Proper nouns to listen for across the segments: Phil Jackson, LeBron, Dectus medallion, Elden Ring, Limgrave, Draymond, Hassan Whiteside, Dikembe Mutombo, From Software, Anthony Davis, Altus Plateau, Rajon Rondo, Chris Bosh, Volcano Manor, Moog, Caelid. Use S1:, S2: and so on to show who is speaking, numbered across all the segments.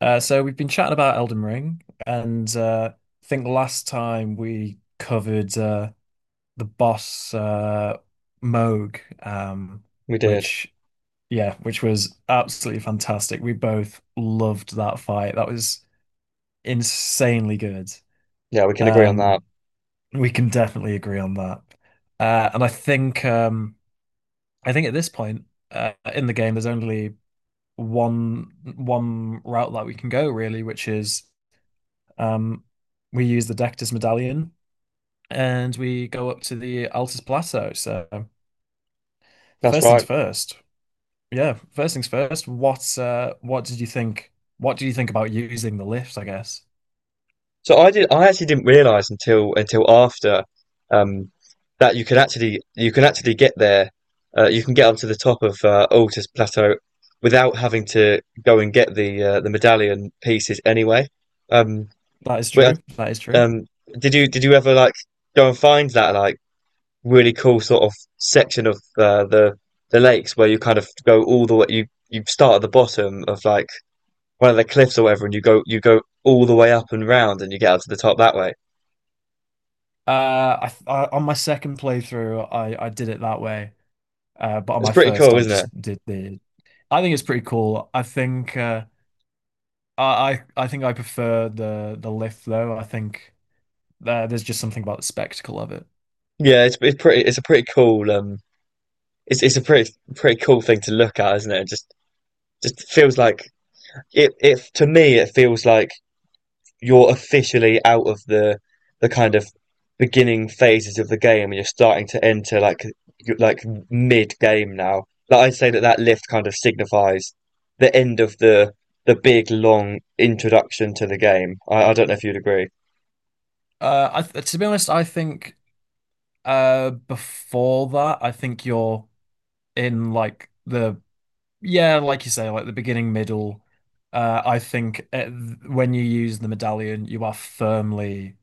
S1: So we've been chatting about Elden Ring, and I think last time we covered the boss Moog, um,
S2: We did.
S1: which yeah, which was absolutely fantastic. We both loved that fight. That was insanely good.
S2: Yeah, we can agree on that.
S1: Um, we can definitely agree on that. And I think at this point in the game, there's only one route that we can go really, which is Um, we use the Dectus medallion and we go up to the Altus Plateau. So
S2: That's
S1: first things
S2: right.
S1: first. Yeah, first things first. What did you think? What do you think about using the lift? I guess
S2: So I did. I actually didn't realize until after um, that you could actually get there. You can get onto the top of Altus Plateau without having to go and get the medallion pieces anyway. Um,
S1: that is
S2: but
S1: true. That is true.
S2: um, did you ever like go and find that like really cool sort of section of the lakes where you kind of go all the way you start at the bottom of like one of the cliffs or whatever, and you go all the way up and round, and you get out to the top that way.
S1: I on my second playthrough, I did it that way. But on
S2: It's
S1: my
S2: pretty
S1: first,
S2: cool,
S1: I
S2: isn't it?
S1: just did the. I think it's pretty cool. I think I think I prefer the lift though. I think there's just something about the spectacle of it.
S2: Yeah, it's pretty it's a pretty cool it's a pretty cool thing to look at, isn't it? It just feels like it to me it feels like you're officially out of the kind of beginning phases of the game, and you're starting to enter like you- like mid game now. Like I'd say that that lift kind of signifies the end of the big long introduction to the game. I don't know if you'd agree.
S1: I th to be honest, I think before that, I think you're in like the yeah, like you say, like the beginning, middle. I think at, th- when you use the medallion, you are firmly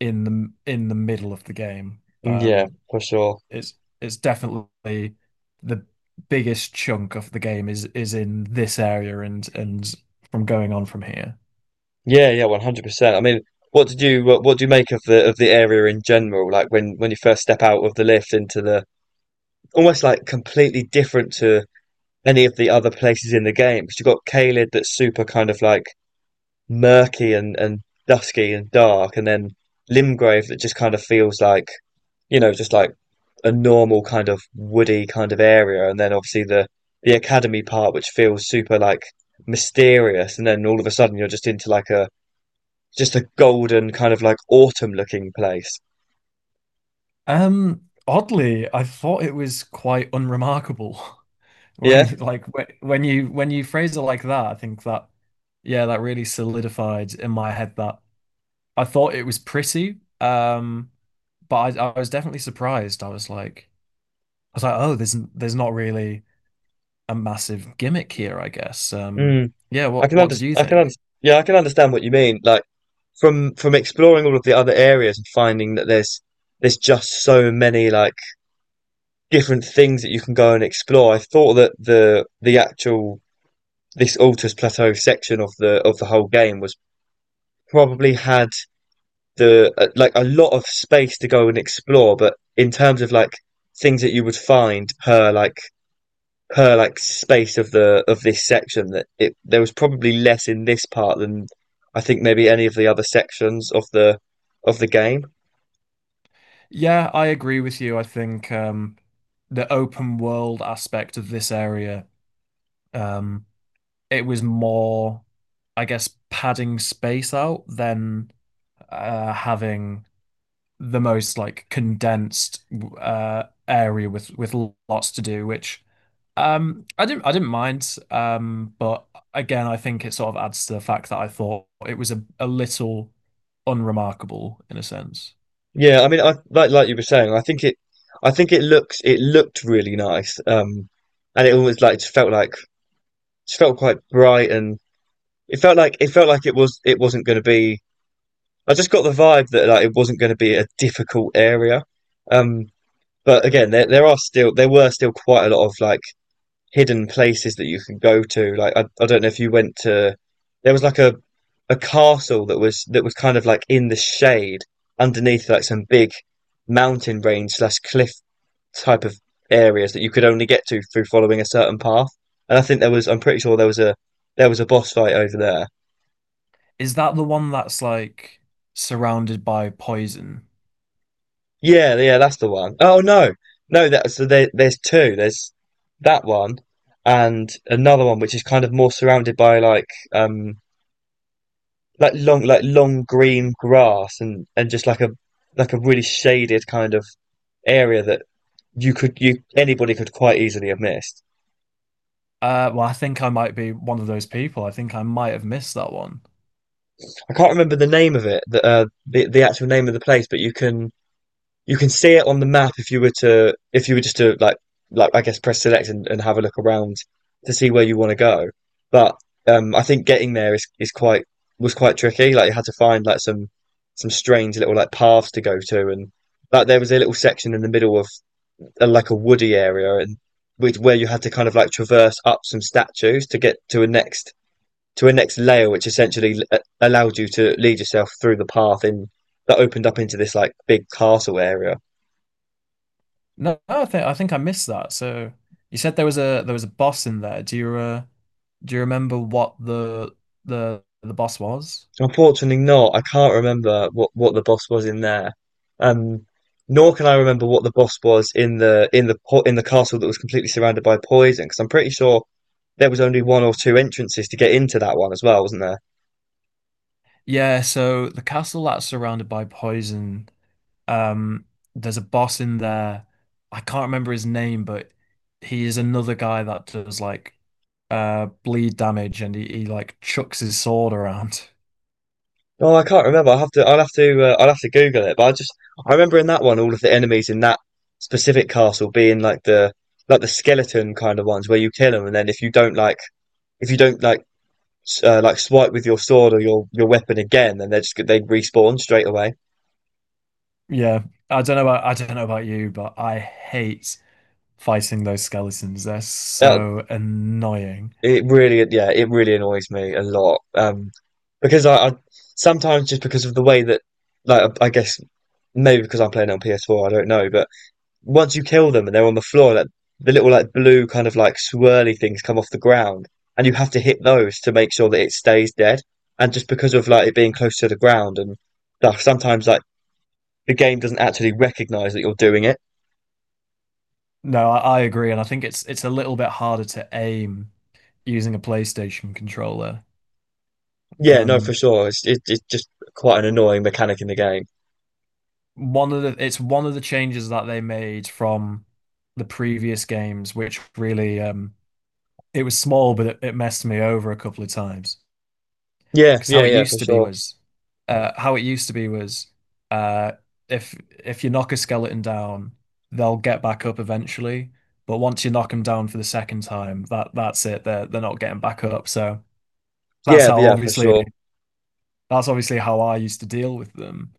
S1: in the middle of the game.
S2: Yeah, for sure.
S1: It's it's definitely the biggest chunk of the game is in this area and from going on from here.
S2: Yeah, yeah, 100%. I mean, what do you make of the area in general? Like when you first step out of the lift into the almost like completely different to any of the other places in the game because you've got Caelid that's super kind of like murky and dusky and dark, and then Limgrave that just kind of feels like just like a normal kind of woody kind of area, and then obviously the academy part, which feels super like mysterious, and then all of a sudden you're just into like a just a golden kind of like autumn looking place.
S1: Oddly, I thought it was quite unremarkable
S2: Yeah,
S1: when you like when you phrase it like that. I think that yeah, that really solidified in my head that I thought it was pretty. But I was definitely surprised. I was like, oh, there's not really a massive gimmick here, I guess.
S2: mm.
S1: Yeah,
S2: I can
S1: what did
S2: understand.
S1: you
S2: I can under
S1: think?
S2: Yeah, I can understand what you mean. Like from exploring all of the other areas and finding that there's just so many like different things that you can go and explore. I thought that the actual this Altus Plateau section of the whole game was probably had the like a lot of space to go and explore, but in terms of like things that you would find per like space of the of this section, that it there was probably less in this part than I think maybe any of the other sections of the game.
S1: Yeah, I agree with you. I think the open world aspect of this area, um, it was more, I guess, padding space out than having the most like condensed area with lots to do, which I didn't mind. But again, I think it sort of adds to the fact that I thought it was a little unremarkable in a sense.
S2: Yeah, I mean, I like you were saying. I think it looks it looked really nice, and it almost like just felt quite bright, and it felt like it was it wasn't going to be. I just got the vibe that like it wasn't going to be a difficult area. Um, but again, there were still quite a lot of like hidden places that you can go to. Like I don't know if you went to there was like a castle that was kind of like in the shade underneath like some big mountain range slash cliff type of areas that you could only get to through following a certain path. And I think there was I'm pretty sure there was a boss fight over there.
S1: Is that the one that's like surrounded by poison?
S2: Yeah, yeah, that's the one. Oh no, that so there's two. There's that one and another one which is kind of more surrounded by um like long green grass and just like a really shaded kind of area that you could you anybody could quite easily have missed.
S1: Well, I think I might be one of those people. I think I might have missed that one.
S2: I can't remember the name of it, the the actual name of the place, but you can see it on the map if you were to if you were just to like I guess press select, and have a look around to see where you want to go. But I think getting there is quite was quite tricky. Like you had to find like some strange little like paths to go to, and like there was a little section in the middle of like a woody area, and with where you had to kind of like traverse up some statues to get to a next layer, which essentially allowed you to lead yourself through the path in that opened up into this like big castle area.
S1: No, no, I think I missed that. So you said there was a boss in there. Do you remember what the boss was?
S2: So unfortunately not. I can't remember what the boss was in there. Um, Nor can I remember what the boss was in the in the in the castle that was completely surrounded by poison, because I'm pretty sure there was only one or two entrances to get into that one as well, wasn't there?
S1: Yeah, so the castle that's surrounded by poison Um, there's a boss in there. I can't remember his name, but he is another guy that does like bleed damage and he like chucks his sword around.
S2: Oh, I can't remember. I'll have to I'll have to Google it. But I just I remember in that one all of the enemies in that specific castle being like the skeleton kind of ones where you kill them, and then if you don't like if you don't like like swipe with your sword or your weapon again, then they just they respawn straight away.
S1: Yeah. I don't know about you, but I hate fighting those skeletons. They're
S2: That
S1: so annoying.
S2: it really Yeah, it really annoys me a lot. Because I sometimes just because of the way that, like I guess maybe because I'm playing it on PS4, I don't know, but once you kill them and they're on the floor, like the little like blue kind of like swirly things come off the ground, and you have to hit those to make sure that it stays dead. And just because of like it being close to the ground and stuff, sometimes like the game doesn't actually recognize that you're doing it.
S1: No, I agree, and I think it's a little bit harder to aim using a PlayStation controller.
S2: Yeah, no, for
S1: Um,
S2: sure. It's just quite an annoying mechanic in the game.
S1: one of the it's one of the changes that they made from the previous games, which really it was small, but it messed me over a couple of times.
S2: Yeah,
S1: Because
S2: yeah,
S1: how it
S2: yeah, for
S1: used to be
S2: sure.
S1: was How it used to be was uh if you knock a skeleton down, they'll get back up eventually. But once you knock them down for the second time, that's it. They're not getting back up. So that's
S2: Yeah,
S1: how
S2: yeah, for
S1: obviously
S2: sure.
S1: that's obviously how I used to deal with them.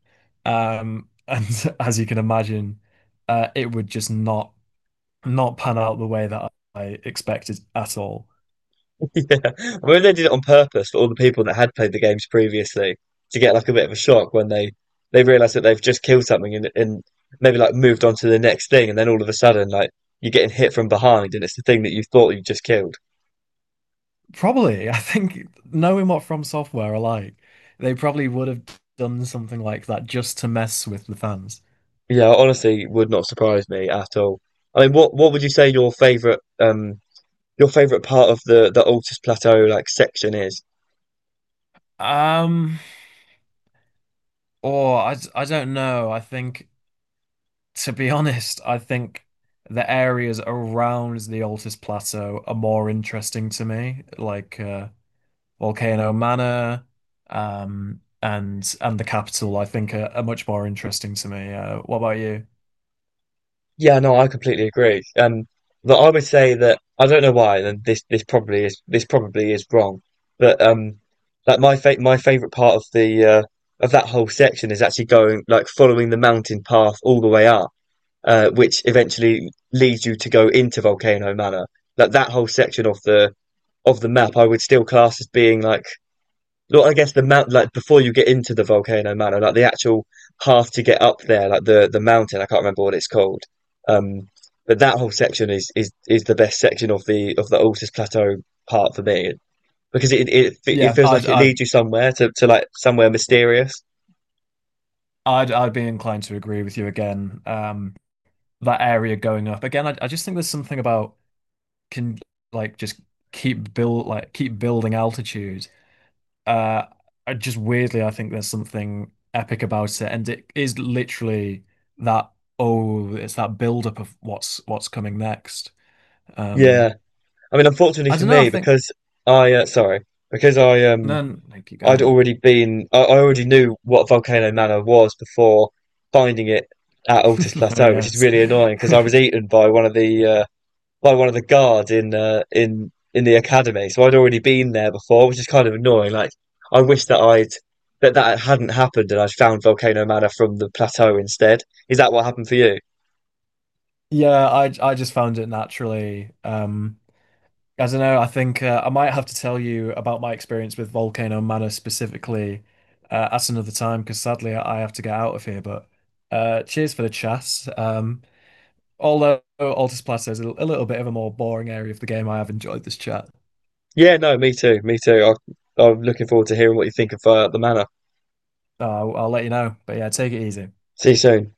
S1: And as you can imagine, it would just not pan out the way that I expected at all.
S2: Yeah, I mean they did it on purpose for all the people that had played the games previously to get like a bit of a shock when they realize that they've just killed something and maybe like moved on to the next thing, and then all of a sudden like you're getting hit from behind, and it's the thing that you thought you just killed.
S1: Probably, I think knowing what From Software are like, they probably would have done something like that just to mess with the fans.
S2: Yeah, honestly, would not surprise me at all. I mean, what would you say your favorite part of the Altus Plateau like section is?
S1: Um, I don't know. I think, to be honest, I think the areas around the Altus Plateau are more interesting to me. Like, Volcano Manor, and the capital, I think are much more interesting to me. What about you?
S2: Yeah, no, I completely agree. But I would say that I don't know why, and this probably is wrong, but like my favorite part of the of that whole section is actually going like following the mountain path all the way up, which eventually leads you to go into Volcano Manor. Like that whole section of the map, I would still class as being like look, I guess the mount like before you get into the Volcano Mano, like the actual path to get up there, like the mountain. I can't remember what it's called. Um, but that whole section is the best section of the Altus Plateau part for me because it
S1: Yeah,
S2: feels like it leads you somewhere to like somewhere mysterious.
S1: I'd be inclined to agree with you again. That area going up again, I just think there's something about can like just keep build like keep building altitude. Uh, I just weirdly, I think there's something epic about it, and it is literally that. Oh, it's that build up of what's coming next. Um,
S2: Yeah, I mean, unfortunately
S1: I
S2: for
S1: don't know. I
S2: me,
S1: think.
S2: because I sorry, because I
S1: No, no, keep
S2: I'd
S1: going.
S2: already been, I already knew what Volcano Manor was before finding it at Altus
S1: Oh
S2: Plateau, which is
S1: yes.
S2: really annoying because I was eaten by one of the by one of the guards in the academy. So I'd already been there before, which is kind of annoying. Like I wish that I'd that that hadn't happened and I'd found Volcano Manor from the plateau instead. Is that what happened for you?
S1: Yeah, I just found it naturally. I don't know. I think I might have to tell you about my experience with Volcano Manor specifically at another time because sadly I have to get out of here. But cheers for the chat. Um, although Altus Plateau is a little bit of a more boring area of the game, I have enjoyed this chat.
S2: Yeah, no, me too, me too. I'm looking forward to hearing what you think of the manor.
S1: I'll let you know. But yeah, take it easy.
S2: See you soon.